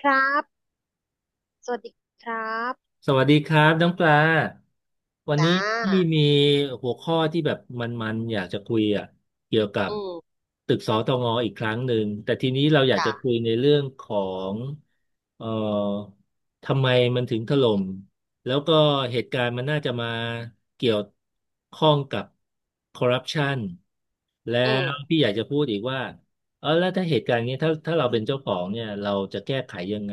ครับ สวัสดีครับสวัสดีครับน้องปลาวันนี้จ้าพี่มีหัวข้อที่แบบมันๆอยากจะคุยอ่ะเกี่ยวกับอืมตึกสตงอีกครั้งหนึ่งแต่ทีนี้เราอยากจะจ้าคุยในเรื่องของเอ่อทำไมมันถึงถล่มแล้วก็เหตุการณ์มันน่าจะมาเกี่ยวข้องกับคอร์รัปชันแล้อืวมพี่อยากจะพูดอีกว่าเออแล้วถ้าเหตุการณ์นี้ถ้าเราเป็นเจ้าของเนี่ยเราจะแก้ไขยังไง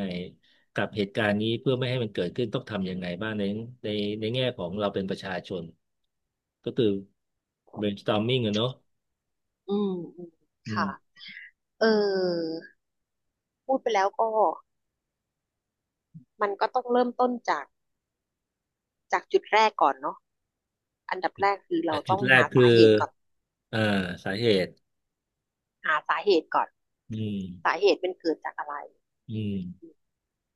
กับเหตุการณ์นี้เพื่อไม่ให้มันเกิดขึ้นต้องทำยังไงบ้างในในแง่ของเราเป็นประชาชนก็คือ brainstorming อะเนอะอืมอืมอืค่ะ มเออ พูดไปแล้วก็ มันก็ต้องเริ่มต้นจาก จากจุดแรกก่อนเนาะอันดับแรกคือแต่เราจุต้ดองแรหากคือสาเหตุก่อน อ่าสาเหตุหาสาเหตุก่อน อืมสาเหตุเป็นเกิดจากอะไร อืม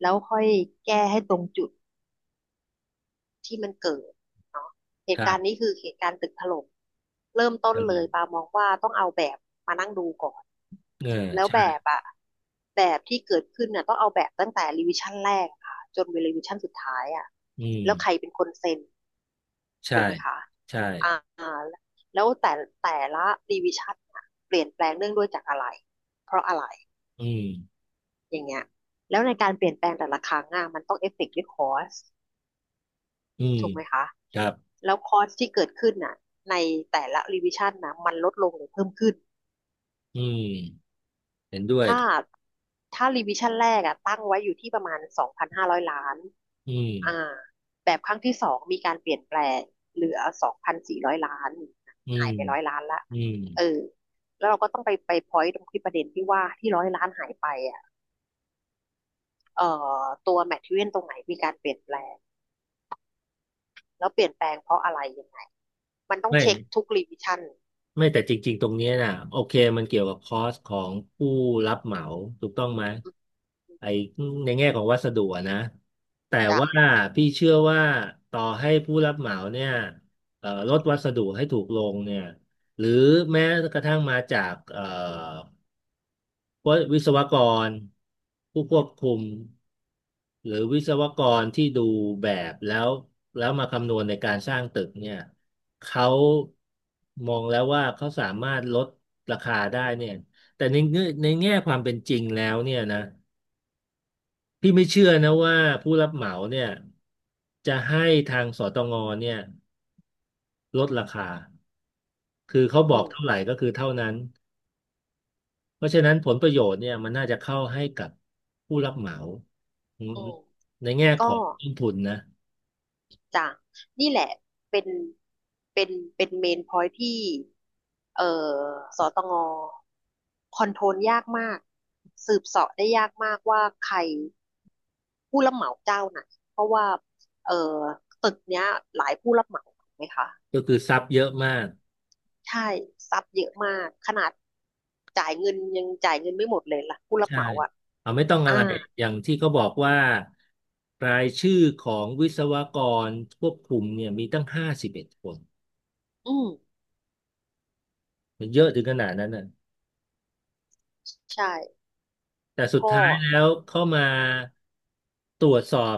แล้วค่อยแก้ให้ตรงจุด ที่มันเกิดเนาะเหคตุรัการณ์นี้บคือเหตุการณ์ตึกถล่มเริ่มต้นอืเลยปามมองว่าต้องเอาแบบมานั่งดูก่อนเออแล้วใช่แบบอะแบบที่เกิดขึ้นน่ะต้องเอาแบบตั้งแต่รีวิชั่นแรกค่ะจนไปรีวิชั่นสุดท้ายอะอืมแล้วใครเป็นคนเซ็นใช่ถูกไหมคะใช่อ่าแล้วแต่ละรีวิชั่นะเปลี่ยนแปลงเนื่องด้วยจากอะไรเพราะอะไรอืมอย่างเงี้ยแล้วในการเปลี่ยนแปลงแต่ละครั้งอะมันต้องเอฟเฟกต์ด้วยคอส อืมถูกไหมคะ ครับแล้วคอร์สที่เกิดขึ้นน่ะในแต่ละรีวิชั่นนะมันลดลงหรือเพิ่มขึ้นอืมเห็นด้วยถ้าถ้ารีวิชั่นแรกอะตั้งไว้อยู่ที่ประมาณ2,500 ล้านอืมอ่าแบบครั้งที่สองมีการเปลี่ยนแปลงเหลือ2,400 ล้านอืหามยไปร้อยล้านละอืมเออแล้วเราก็ต้องไปพอยต์ตรงที่ประเด็นที่ว่าที่ร้อยล้านหายไปอ่ะเอ่อตัวแมทเทอเรียนตรงไหนมีการเปลี่ยนแปลงแล้วเปลี่ยนแปลงเพราะอะไรยังไงมันต้องไม่ เช็คทุกรีวิชั่นไม่แต่จริงๆ ตรงเนี้ยน่ะโอเคมันเกี่ยวกับคอสของผู้รับเหมาถูกต้องไหมไอ้ในแง่ของวัสดุอะนะแต่จ้ะ ว่าพี่เชื่อว่าต่อให้ผู้รับเหมาเนี่ยลดวัสดุให้ถูกลงเนี่ยหรือแม้กระทั่งมาจากว่าวิศวกรผู้ควบคุมหรือวิศวกรที่ดูแบบแล้วแล้วมาคำนวณในการสร้างตึกเนี่ยเขามองแล้วว่าเขาสามารถลดราคาได้เนี่ยแต่ในเงื่อนในแง่ความเป็นจริงแล้วเนี่ยนะพี่ไม่เชื่อนะว่าผู้รับเหมาเนี่ยจะให้ทางสตงเนี่ยลดราคาคือเขาบอือกมเท่าไหร่ก็คือเท่านั้น เพราะฉะนั้นผลประโยชน์เนี่ยมันน่าจะเข้าให้กับผู้รับเหมาอืมอืมในแง่ขก็องต้นทุนนะจะนี่แหละเป็นเป็นเป็นเมนพอยที่เอ่อสตงคอนโทรลยากมากสืบเสาะได้ยากมากว่าใครผู้รับเหมาเจ้าไหนเพราะว่าเอ่อตึกเนี้ยหลายผู้รับเหมาถูกไหมคะก็คือซับเยอะมากใช่ซับเยอะมากขนาดจ่ายเงินยังจ่ายเงินไม่หมดเลยล่ะผู้รับใช่เหมาอ่ะเอาไม่ต้องอะอ่าไรอย่างที่เขาบอกว่ารายชื่อของวิศวกรควบคุมเนี่ยมีตั้ง51 คนอืมมันเยอะถึงขนาดนั้นน่ะใช่แต่สุดก็ท้ายแล้วเข้ามาตรวจสอบ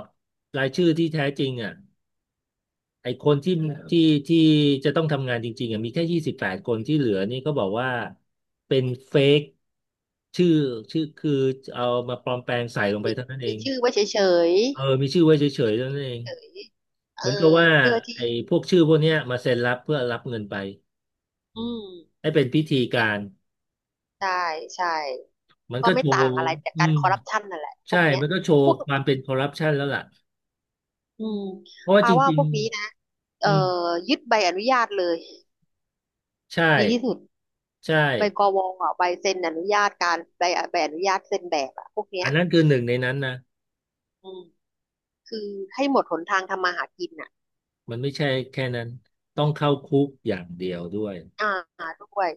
รายชื่อที่แท้จริงอ่ะ ไอ้คนที่ที่ที่จะต้องทำงานจริงๆอ่ะมีแค่28 คนที่เหลือนี่ก็บอกว่าเป็นเฟกชื่อชื่อคือเอามาปลอมแปลงใส่ลงไปมีเท่านั้นเอมีงชื่อไว้เฉยเออๆ มีชื่อไว้เฉยๆเท่านั้นเองเฉยเอเหอมือนกับว่าเพื่อที่ไอ้พวกชื่อพวกเนี้ยมาเซ็นรับเพื่อรับเงินไปอืมให้เป็นพิธีการใช่ใช่มันก็ก็โชไม่ต่าว์งอะไรจากอืการมคอร์รัปชันนั่นแหละพใช่วกเนี้ยมันก็โชว์พวกความเป็นคอร์รัปชันแล้วล่ะอืมเพราะว่าปาจว่าริพงวกนี้นะๆเอ่อือมยึดใบอนุญาตเลยใช่ดีที่สุดใช่ใบกวอ่ะใบเซ็นอนุญาตการใบใบอนุญาตเซ็นแบบอ่ะพวกเนี้อัยนนั้นคือหนึ่งในนั้นนะ อืมคือให้หมดหนทางทำมาหากินอ่ะมันไม่ใช่แค่นั้นต้องเข้าคุกอย่างเดียวด้วยอ่าด้วย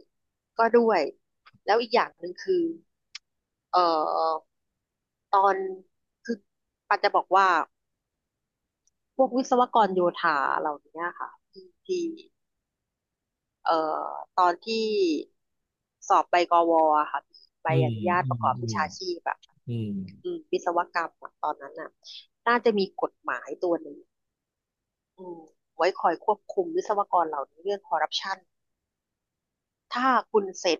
ก็ด้วยแล้วอีกอย่างหนึ่งคือเอ่อตอนคือปาจะบอกว่า พวกวิศวกรโยธาเหล่านี้ค่ะที่เอ่อตอนที่สอบใบกวอะค่ะใบอือมนุญาตอืปมระกอบวิอืมชาชีพอบบอืมอืมวิศวกรรมอะตอนนั้นน่ะน่าจะมีกฎหมายตัวหนึ่งอืมไว้คอยควบคุมวิศวกรเหล่านี้เรื่องคอร์รัปชันถ้าคุณเซ็น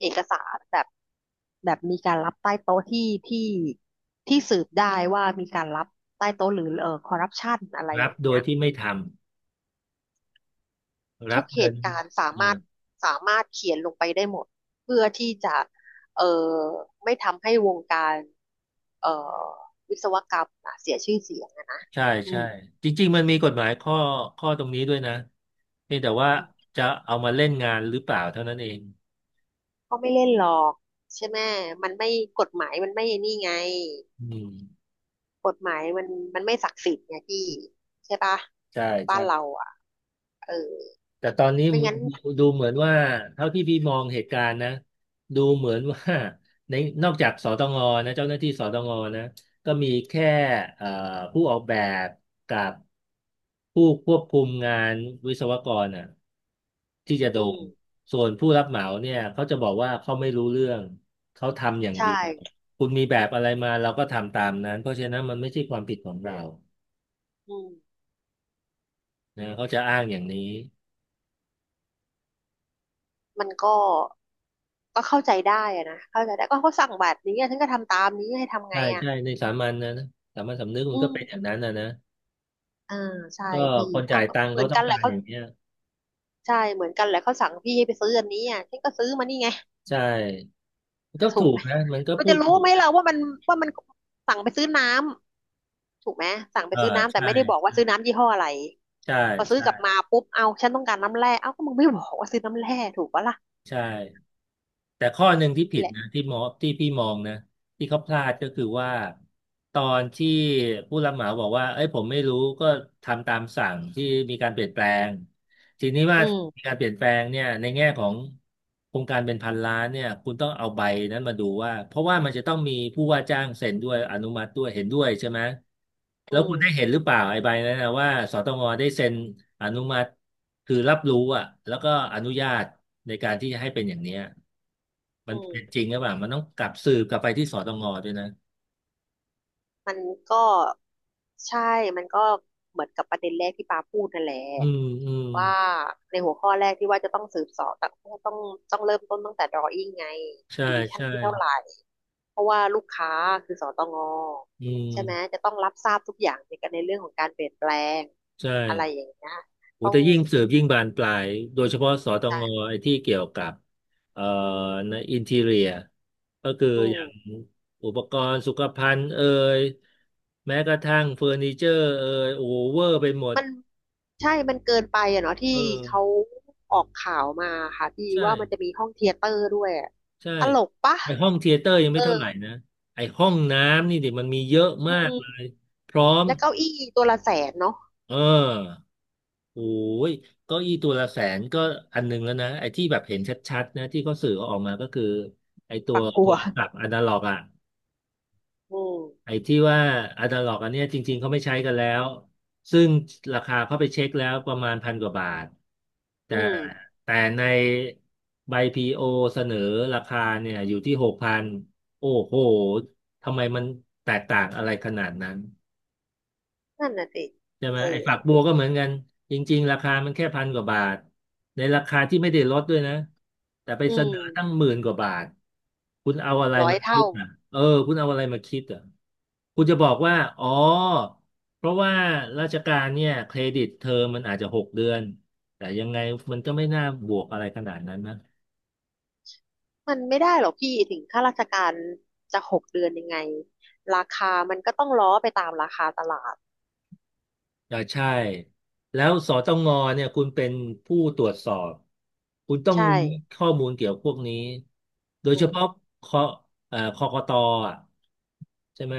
เอกสารแบบมีการรับใต้โต๊ะที่สืบได้ว่ามีการรับใต้โต๊ะหรือเออคอร์รัปชันอะไรรัอบย่างโดเงี้ยย ที่ไม่ทำรัทุบกเหเงินตุการณ์สาเออมารถสามารถเขียนลงไปได้หมดเพื่อที่จะเอ่อไม่ทำให้วงการเอ่อวิศวกรรมน่ะเสียชื่อเสียงอะนะใช่อืใช่มจริงๆมันมีกฎหมายข้อตรงนี้ด้วยนะเพียงแต่ว่าอืมจะเอามาเล่นงานหรือเปล่าเท่านั้นเองก็ไม่เล่นหรอกใช่ไหมมันไม่กฎหมายมันไม่นี่ไงอืมกฎหมายมันไม่ศักดิ์สิทธิ์ไงพี่ใช่ปะใช่บ้าใช่ นเราอ่ะเออแต่ตอนนี้ไม่งั้นดูเหมือนว่าเท่าที่พี่มองเหตุการณ์นะดูเหมือนว่าในนอกจากสตงนะเจ้าหน้าที่สตงนะก็มีแค่เอ่อผู้ออกแบบกับผู้ควบคุมงานวิศวกรอ่ะที่จะโดอืนมส่วนผู้รับเหมาเนี่ยเขาจะบอกว่าเขาไม่รู้เรื่องเขาทำอย่างเดีใช่ยวคุณมีแบบอะไรมาเราก็ทำตามนั้นเพราะฉะนั้นมันไม่ใช่ความผิดของเราอืมนะเขาจะอ้างอย่างนี้ มันก็เข้าใจได้อะนะเข้าใจได้ก็เขาสั่งแบบนี้อะฉันก็ทำตามนี้ให้ทำไงใช่อ่ะ ใช่ในสามัญนะนะสามัญสำนึกมัอืนก็เป็นอย่างมนั้นนะนะอ่าใช่ก็พี่คนเอาจ่ายก็ตังค์เหมืเขาอนต้อกังนแหกาละรเขา อย่างเนี้ยใช่ เหมือนกันแหละเขาสั่งพี่ให้ไปซื้ออันนี้อ่ะฉันก็ซื้อมานี่ไง ใช่มันก็ ถูกถูไหกมนะมันก็มันพูจะดรู้ถูไหมกนะเราว่ามันว่ามันสั่งไปซื้อน้ำถูกไหมสั่งไปเออซื้อน้ำแต่ใช่ไม่ได้บอกว่าซื้อน้ำยี่ห้ออะไรใช่พอซื้อใช่กลับมาปุ๊บเอาฉันต้องการน้ำแร่เอ้าก็มึงไม่บอกว่าซื้อน้ำแร่ถูกปะล่ะใช่แต่ข้อหนึ่งที่ผินี่ดแหละนะที่มองที่พี่มองนะที่เขาพลาดก็คือว่าตอนที่ผู้รับเหมาบอกว่าเอ้ยผมไม่รู้ก็ทำตามสั่งที่มีการเปลี่ยนแปลง ทีนี้ว่าอืมีมการเปลี่ยนแปลงเนี่ยในแง่ของโครงการเป็นพันล้านเนี่ยคุณต้องเอาใบนั้นมาดูว่าเพราะว่ามันจะต้องมีผู้ว่าจ้างเซ็นด้วยอนุมัติด้วยเห็นด้วยใช่ไหมอืแล้วคุมณได้เห็นหรือเปล่าไอ้ใบนั้นนะว่าสตงได้เซ็นอนุมัติคือรับรู้อ่ะแล้วก็อนุญาตในการที่จะให้เป็นอย่างเนี้ยมัอืนม เป็นจริงหรือเปล่ามันต้องกลับสืบกลับไปที่สตงด้วยนะมันก็ใช่มันก็เหมือนกับประเด็นแรกที่ปาพูดนั่นแหละอืมอืมว่าในหัวข้อแรกที่ว่าจะต้องสืบเสอบต้องเริ่มต้นตั้งแต่ drawin งไง ใช่ divisio นใช่ที่เท่าไหร่เพราะว่าลูกค้าคือสตงอืมใช่ไหมจะต้องรับทราบทุกอย่างในการในเรื่องของการเปลี่ยนแปลงใช่ อะไรอย่างเงี้ยโอ้ต้องแต่ยิ่งสืบยิ่งบานปลายโดยเฉพาะสตงใช่ไอ้ที่เกี่ยวกับเอ่อในอินทีเรียก็คืออือย่างมอุปกรณ์สุขภัณฑ์เอ่ยแม้กระทั่งเฟอร์นิเจอร์เอ่ยโอเวอร์ไปหมดมันใช่มันเกินไปอะเนาะที่เออเขาออกข่าวมาค่ะพี่ใช่ว่ามันจะมีห้องเธียเตอร์ด้วยอะใช่ตลกปะไอห้องเธียเตอร์ยังเอไม่อ เท่าไหร่นะไอห้องน้ำนี่ดิมันมีเยอะอืมากมเลยพร้อมแล้วเก้าอี้ตัวละแสนเนาะเออ โอ้ยเก็อีตัวละ100,000ก็อันหนึงแล้วนะ ไอ้ที่แบบเห็นชัดๆนะที่เขาสื่อออกมาก็คือไอ้ตัวปักโทรศัพท์อนาล็อกอ่ะ อืมไอ้ที่ว่าอนาล็อกอันเนี้ยจริงๆเขาไม่ใช้กันแล้ว ซึ่งราคาเขาไปเช็คแล้วประมาณพันกว่าบาท แต่อืมในใบพีโอเสนอราคาเนี่ยอยู่ที่หกพันโอ้โห ทำไมมันแตกต่างอะไรขนาดนั้น นั่นน่ะสิใช่ไหมเอไอ้อฝักบัวก็เหมือนกันจริงๆราคามันแค่พันกว่าบาทในราคาที่ไม่ได้ลดด้วยนะแต่ไปอืเสนอมตั้งหมื่นกว่าบาทคุณเอาอะไรร้อยมาคิเท่าดอ่ะเออคุณเอาอะไรมาคิดอ่ะคุณจะบอกว่าอ๋อเพราะว่าราชการเนี่ยเครดิตเทอมมันอาจจะหกเดือนแต่ยังไงมันก็ไม่น่าบวกอะไรขนาดนั้นนะ มันไม่ได้หรอกพี่ถึงข้าราชการจะหกเดือนยังไงราคามันก็ต้องล้อไปตามราคาตลาดอ่าใช่แล้วสตงเนี่ยคุณเป็นผู้ตรวจสอบคุณต้องใช่รู้ข้อมูลเกี่ยวพวกนี้โดยอืเฉมพาะคอเอ่อคกตอ่ะใช่ไหม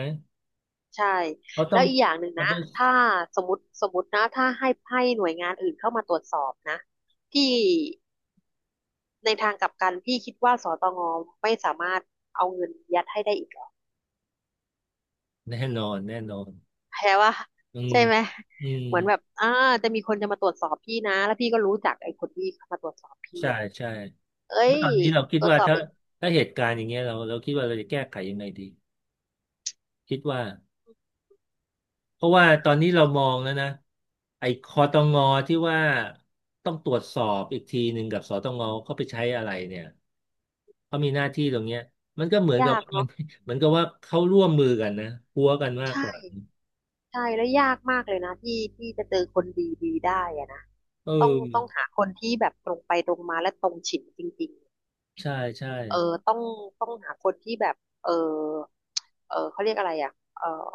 ใช่เขาต้แล้อง วอีกอย่างหนึ่งนะ double ถ้าสมมตินะถ้าให้หน่วยงานอื่นเข้ามาตรวจสอบนะพี่ในทางกลับกันพี่คิดว่าสตงไม่สามารถเอาเงินยัดให้ได้อีก แน่นอนแน่นอนแพ้ว่าอืมใช่ไหมอืมเหมือนแบบจะมีคนจะมาตรวจสอบพี่นะแล้วพี่ก็รู้จักไอ้คนที่มาตรวจสอบพี่ใช่อ่ะใช่เอ้แล้วยตอนนี้เราคิดตรวจว่าสอบถ้าไปถ้าเหตุการณ์อย่างเงี้ยเราคิดว่าเราจะแก้ไขยังไงดีคิดว่า เพราะว่าตอนนี้เรามองแล้วนะไอ้คอตงอที่ว่าต้องตรวจสอบอีกทีหนึ่งกับสตงเขาไปใช้อะไรเนี่ยเขามีหน้าที่ตรงเนี้ยมันก็เหมือนกับยากว่ามัน เนาะ เหมือนกับว่าเขาร่วมมือกันนะพัวกันมากกใช่ว่าใช่แล้วยากมากเลยนะที่จะเจอคนดีดีได้อะนะเอต้องอหาคนที่แบบตรงไปตรงมาและตรงฉินจริงใช่ใช่ ๆเออต้องต้องหาคนที่แบบเออเออเขาเรียกอะไรอ่ะเออ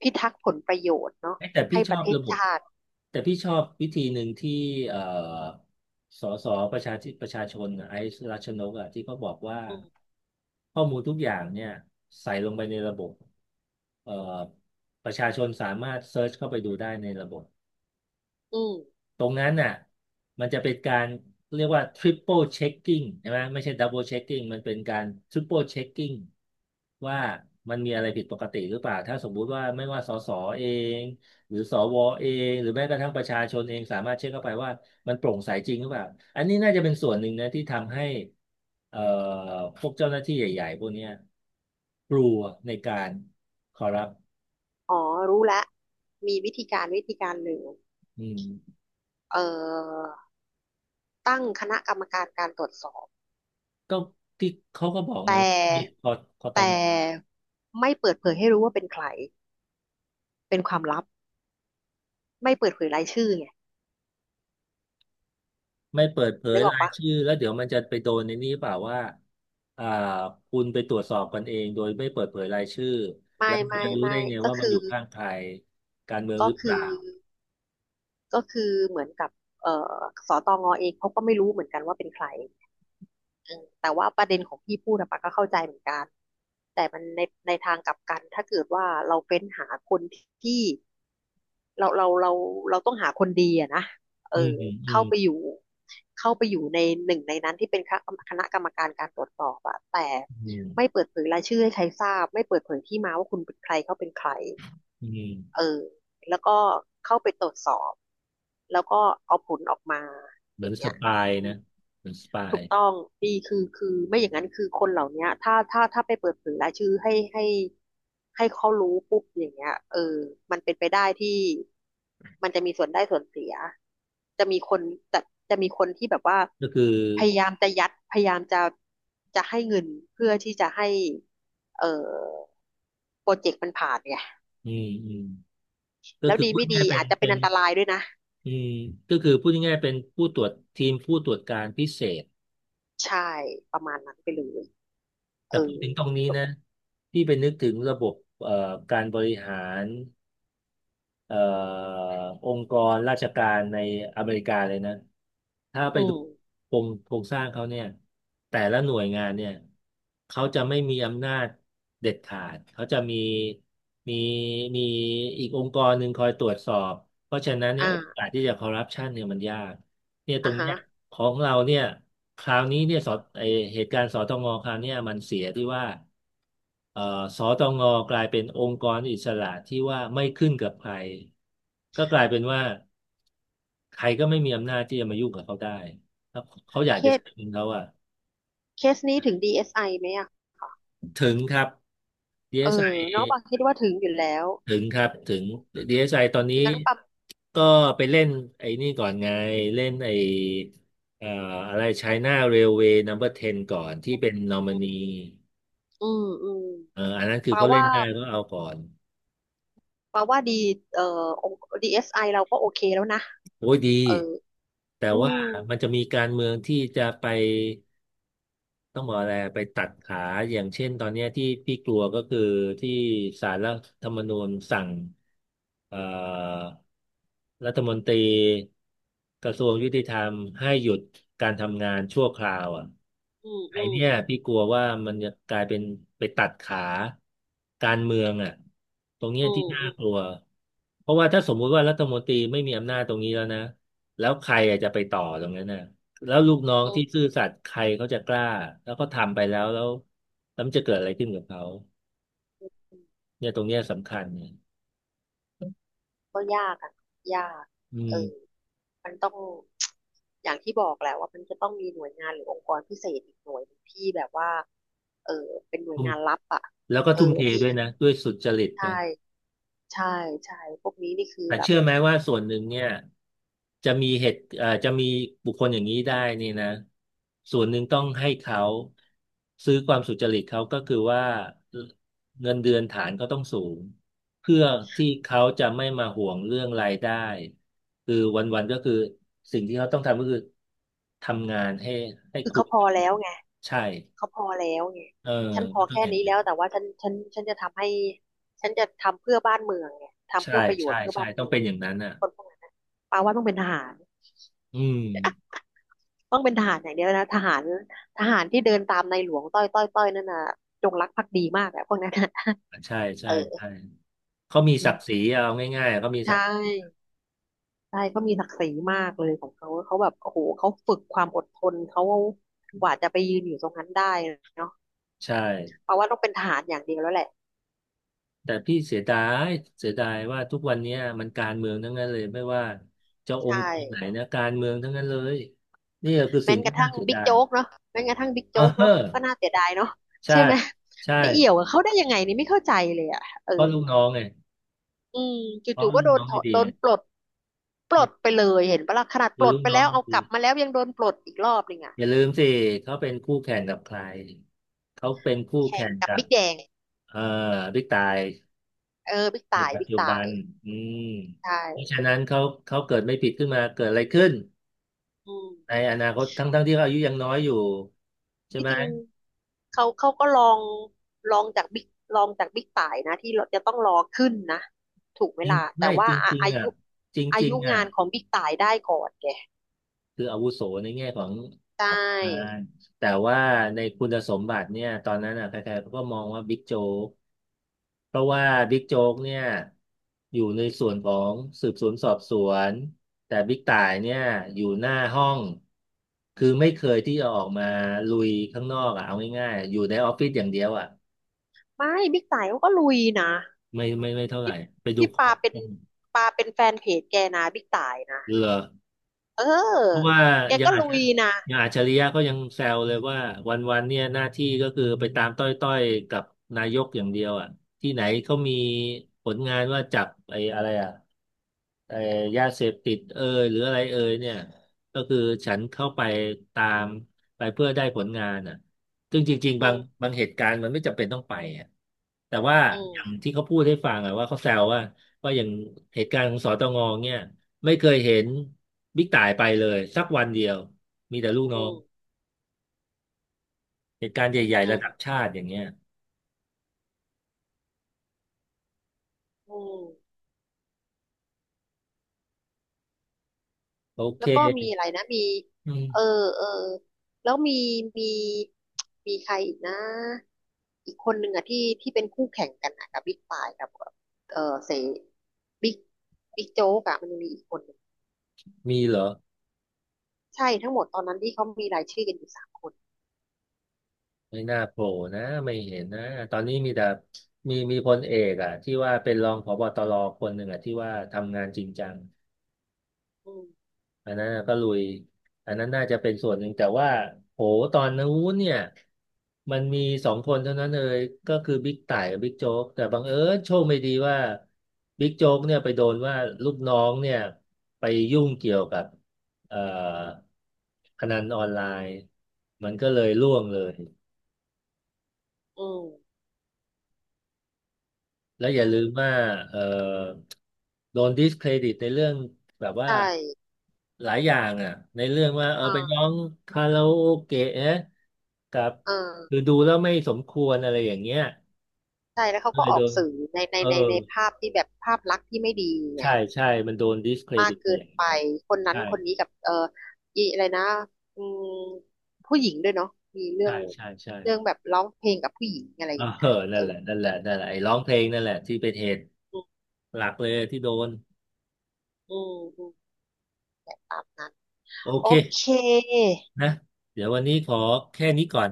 พิทักษ์ผลประโยชน์เนาะเอ๊ะแต่พี่ให้ชปอระบเทศระบบชาติแต่พี่ชอบวิธีหนึ่งที่เอ่อสสประชาธิประชาชนน่ะไอซ์รัชนกอะที่เขาบอกว่าอืมข้อมูลทุกอย่างเนี่ยใส่ลงไปในระบบเอ่อประชาชนสามารถเซิร์ชเข้าไปดูได้ในระบบ อืม ตรงนั้นน่ะมันจะเป็นการเรียกว่า triple checking ใช่ไหมไม่ใช่ double checking มันเป็นการ triple checking ว่ามันมีอะไรผิดปกติหรือเปล่าถ้าสมมุติว่าไม่ว่าสสเองหรือสวเองหรือแม้กระทั่งประชาชนเองสามารถเช็คเข้าไปว่ามันโปร่งใสจริงหรือเปล่าอันนี้น่าจะเป็นส่วนหนึ่งนะที่ทำให้เอ่อพวกเจ้าหน้าที่ใหญ่ๆพวกเนี้ยกลัวในการคอรัปอ๋อรู้แล้ว มีวิธีการวิธีการหนึ่งอืมเอ่อตั้งคณะกรรมการการตรวจสอบก็ที่เขาก็บอกแตไงว่ามี่คอตแต่อง ไม่เปิดเผยให้รู้ว่าเป็นใครเป็นความลับไม่เปิดเผยรายชื่อไงไม่เปิดเผยนึกออกรายปะชื่อแล้วเดี๋ยวมันจะไปโดนในนี้เปล่าว่าอ่าคุณไปตรวจสอบกันเองโดยไม่เปิดเผยรายชื่อแล้ไม่วมันไม่จะรู้ได้ไม่ไงก็ว่ามันคืออยู่ข้างใครการเมืองหก็รือเปคืล่าอก็คือเหมือนกับเอ่อสตงเองเขาก็ไม่รู้เหมือนกันว่าเป็นใครอืมแต่ว่าประเด็นของพี่พูดอะปะก็เข้าใจเหมือนกันแต่มันในในทางกลับกันถ้าเกิดว่าเราเฟ้นหาคนที่ เราเราเราเราต้องหาคนดีอะนะเออืมออืมอืเข้ามไปอยู่เข้าไปอยู่ในหนึ่งในนั้นที่เป็นคณะกรรมการการตรวจสอบอะแต่อืมไม่เปิดเผยรายชื่อให้ใครทราบไม่เปิดเผยที่มาว่าคุณเป็นใครเขาเป็นใครอืมเออแล้วก็เข้าไปตรวจสอบแล้วก็เอาผลออกมาเหอมือย่านงสเงี้ยปายอืม นะเหมือนสปายถูกต้องดีคือไม่อย่างนั้นคือคนเหล่าเนี้ยถ้าไปเปิดเผยรายชื่อให้เขารู้ปุ๊บอย่างเงี้ยเออมันเป็นไปได้ที่มันจะมีส่วนได้ส่วนเสียจะมีคนจะจะมีคนที่แบบว่าก็คือพยายามจะยัดพยายามจะให้เงินเพื่อที่จะให้เออโปรเจกต์มันผ่านไงอืมอืมก็แล้วคือดีพูดไม่ง่าดียๆเป็นอาจจะเป็เป็นนอันตรายด้วยนะอืมก็คือพูดง่ายๆเป็นผู้ตรวจทีมผู้ตรวจการพิเศษใช่ประมาณนั้นไปเลยแต่เออพูดถึงตรงนี้นะที่ไปนึกถึงระบบเอ่อการบริหาร เอ่อองค์กรราชการในอเมริกาเลยนะถ้าไปอืดูมโครงสร้างเขาเนี่ยแต่ละหน่วยงานเนี่ยเขาจะไม่มีอำนาจเด็ดขาดเขาจะมีมีอีกองค์กรหนึ่งคอยตรวจสอบเพราะฉะนั้นเนี่ยโออ่ากาสที่จะคอร์รัปชันเนี่ยมันยาก เนี่ยตรอ่างฮะเนี้ยของเราเนี่ยคราวนี้เนี่ยสอไอเหตุการณ์สตงคราวเนี้ยมันเสียที่ว่าเอ่อสตงกลายเป็นองค์กรอิสระที่ว่าไม่ขึ้นกับใครก็กลายเป็นว่าใครก็ไม่มีอำนาจที่จะมายุ่งกับเขาได้ถ้าเขาอยากเครีจะยด ใช้เงินเขาอะเคสนี้ถึง DSI ไอไหมอ่ะถึงครับ เอ DSI อน้องปาคิดว่าถึงอยู่แล้วถึงครับถึง DSI ตอนนี้งั้นปาก็ไปเล่นไอ้นี่ก่อนไงเล่นไอ้เอ่ออะไร China Railway Number 10ก่อนที่เป็นนอมินีอืมอืมอันนั้นคือปาเขาเล่ว่านได้ก็เอาก่อนปาว่าดีองค์ DSI เอสไอเราก็โอเคแล้วนะ โอ้ยดีเออแต่อืว่ามมันจะมีการเมืองที่จะไป ต้องบอกอะไรไปตัดขาอย่างเช่นตอนเนี้ยที่พี่กลัวก็คือที่ศาลรัฐธรรมนูญสั่งเอ่อรัฐมนตรีกระทรวงยุติธรรมให้หยุดการทำงานชั่วคราวอ่ะอืมไออืมเนี่ยอืมพี่กลัวว่ามันจะกลายเป็นไปตัดขาการเมืองอ่ะตรงเนี้ยอืที่มน่าอืกลัวเพราะว่าถ้าสมมุติว่ารัฐมนตรีไม่มีอำนาจตรงนี้แล้วนะแล้วใครอะจะไปต่อตรงนั้นน่ะ แล้วลูกน้องมที่ซื่อสัตย์ใครเขาจะกล้าแล้วก็ทำไปแล้วแล้วแล้วมันจะเกิดอะไรขึ้นกับเขาอืมเนี่ยตรงเนี้ยสำคัญเนี่ยก็ยากอ่ะยากอืเออมมันต้อง อย่างที่บอกแหละว่ามันจะต้องมีหน่วยงานหรือองค์กรพิเศษอีกหน่วยหนึ่งที่แบบว่า เออเป็นหน่วยทุ่มงานลับอ่ะ แล้วก็เอทุ่มอเทที่ด้วยนะด้วยสุจริตนะ ใช่ใช่ใช่พวกนี้นี่คือแต่แบบ เชื่อไหมว่าส่วนหนึ่งเนี่ยจะมีเหตุจะมีบุคคลอย่างนี้ได้นี่นะส่วนหนึ่งต้องให้เขาซื้อความสุจริตเขาก็คือว่าเงินเดือนฐานก็ต้องสูงเพื่อที่เขาจะไม่มาห่วงเรื่องรายได้คือวันๆก็คือสิ่งที่เขาต้องทำก็คือทำงานให้คือคุ้เขามพอกับแล้งาวนไงใช่เขาพอแล้วไงเออฉันพอมันต้องแค่อย่างนี้นี้แล้นวแต่ว่าฉันจะทำให้ฉันจะทำเพื่อบ้านเมืองไงทำใช่เพื่อประโยชใช่น์เพื่อใช่บ้านต้อเมืงอเป็นงอย่างนั้นอ่ะคนพวกนั้นนะปาว่าต้องเป็นทหารอืมต้องเป็นทหารอย่างเดียวนะทหารทหารที่เดินตามในหลวงต้อยต้อยต้อยนั่นน่ะจงรักภักดีมากอะพวกนั้นนะ ใช่ เอใช่อใช่ เขามีอืศัมกดิ์ศรีเอาง่ายๆ เขามีใชศักดิ์ศรี่ใช่เขามีศักดิ์ศรีมากเลยของเขาเขาแบบโอ้โหเขาฝึกความอดทนเขากว่าจะไปยืนอยู่ตรงนั้นได้เนาะใช่เพราะว่าต้องเป็นทหารอย่างเดียวแล้วแหละแต่พี่เสียดายเสียดายว่าทุกวันเนี้ยมันการเมืองทั้งนั้นเลยไม่ว่าจะองค์ใช่ ไหนนะการเมืองทั้งนั้นเลยนี่ก็คือแม้สิ่งกที่ระน่าทั่งเสียบิ๊กดายโจ๊กเนาะแม้กระทั่งบิ๊กโจ๊กเอเนาะก็อน่าเสียดายเนาะใช่ใช่ไหมใช่ไปเอี่ยวกับเขาได้ยังไงนี่ไม่เข้าใจเลยอ่ะเออเพราะลูกน้องไงอืมเพราะจู่ๆก็ลูกโดนน้องถอไม่ดดีโดไงนปลดปลดไปเลยเห็นปะล่ะขนาดปคือลดลูกไปน้อแล้งวไม่เอากดีลับมาแล้วยังโดนปลดอีกรอบหนึ่งอ่ะอย่าลืมสิเขาเป็นคู่แข่งกับใครเขาเป็นคู่แข่แข่งงกับกับบิ๊กแดงเอ่อบิ๊กตาย เออบิ๊กในต่ายปัจบิ๊กจุบัต่านยอืมใชเพราะ่ฉะนั้นเขาเกิดไม่ผิดขึ้นมาเกิดอะไรขึ้นอืมในอนาคตทั้งที่เขาอายุยังน้อยอยู่ใช่ที่ไหมจริงเขาเขาก็ลองลองจากบิ๊กลองจากบิ๊กต่ายนะที่เราจะต้องรอขึ้นนะถูกเวจริงลาแต่ไม่ว่าจอะริงอาๆอ่ะยุจอาริงยุๆอ่ะ งานของบิ๊กต่ายได้ก่อนแก คืออาวุโสในแง่ของใชของงา่นแต่ว่าในคุณสมบัติเนี่ยตอนนั้นอ่ะใครๆเขาก็มองว่าบิ๊กโจ๊กเพราะว่าบิ๊กโจ๊กเนี่ยอยู่ในส่วนของสืบสวนสอบสวน แต่บิ๊กต่ายเนี่ยอยู่หน้าห้อง คือไม่เคยที่จะออกมาลุยข้างนอกอ่ะเอาง่ายๆอยู่ในออฟฟิศอย่างเดียวอ่ะไม่บิ๊กต่ายเขาก็ลุยนะไม่เท่าไหร่พี่ไปดูพี่ขอปาเป็นงปาเป็นแฟนเพจแกนะบิ๊กต่ายนะเหรอ เเพราะออว่าแกยังก็อาจลุจะยนะยังอัจฉริยะก็ยังแซวเลยว่าวันๆเนี่ยหน้าที่ก็คือไปตามต้อยๆกับนายกอย่างเดียวอ่ะที่ไหนเขามีผลงานว่าจับไอ้อะไรอ่ะ เอ่ยาเสพติดเอยหรืออะไรเอยเนี่ยก็คือฉันเข้าไปตามไปเพื่อได้ผลงานอ่ะซึ่งจริงๆอืบางมเหตุการณ์มันไม่จำเป็นต้องไปอ่ะแต่ว่าอือย่างมที่เขาพูดให้ฟังอ่ะว่าเขาแซวว่าอย่างเหตุการณ์ของสตงเนี่ยไม่เคยเห็นบิ๊กต่ายไปเลยสักวันเดียวมีแต่ลูกน้อืองมเหตุการณ์ใหญ่อืๆระดับมชาติอย่างเงี้ยอืมโอเคแล้วก็มีอะไรนะมีอืมเออเออแล้วมีมีใครอีกนะอีกคนหนึ่งอะที่เป็นคู่แข่งกันอะกับบิ๊กปายกับเออเสบิ๊กบิ๊กโจ๊กอะมันมีอีกคนหนึ่งมีเหรอ ใช่ทั้งหมดตอนนั้นที่เขามีรายชื่อกันอยู่สามคนไม่น่าโผล่นะไม่เห็นนะตอนนี้มีแต่มีพลเอกอ่ะที่ว่าเป็นรองผบตรคนหนึ่งอ่ะที่ว่าทำงานจริงจังอืมอันนั้นก็ลุยอันนั้นน่าจะเป็นส่วนหนึ่งแต่ว่าโหตอนนู้นเนี่ยมันมีสองคนเท่านั้นเลยก็คือบิ๊กต่ายกับบิ๊กโจ๊กแต่บังเอิญโชคไม่ดีว่าบิ๊กโจ๊กเนี่ยไปโดนว่าลูกน้องเนี่ยไปยุ่งเกี่ยวกับเอ่อพนันออนไลน์มันก็เลยร่วงเลย อืม แล้วอย่าอืลืมมว่าเอ่อโดนดิสเครดิตในเรื่องแบบว่าใช่หลายอย่างอ่ะในเรื่องว่าเออเอไปร้อองคาราโอเกะนะกับเออคือดูแล้วไม่สมควรอะไรอย่างเงี้ยใช่แล้วเขาก็ก็เลยอโดอกนสื่อในในเออในในภาพที่แบบภาพลักษณ์ที่ไม่ดีไงใช่ใช่มันโดนดิสเครมาดิกตไปเกิอนย่างไป นั้นคนนั้นใช่คนนี้กับเอออีอะไรนะอืมผู้หญิงด้วยเนาะมีเรื่อใช่งใช่ใช่เรื่องแบบร้องเพลงกับผู้หญิงอะไรเออย่างเงี้อยเอนั่อนแหละนั่นแหละนั่นแหละไอ้ร้องเพลงนั่นแหละที่เป็นเหตุอืมหลักเลยที่โดนอืมอืมตามนั้นโอโอเคเคนะเดี๋ยววันนี้ขอแค่นี้ก่อน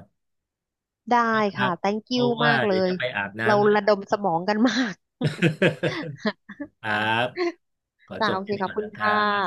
ได้นะครัค่ะ บ thank เพ you ราะว่ามากเลเดี๋ยวยจะไปอาบเราน้ำ ระดมสมองกันมาก ครับขอ จ้าจบโอเคแค่นี้ขอบก่อนคุณนะครัค่ะบ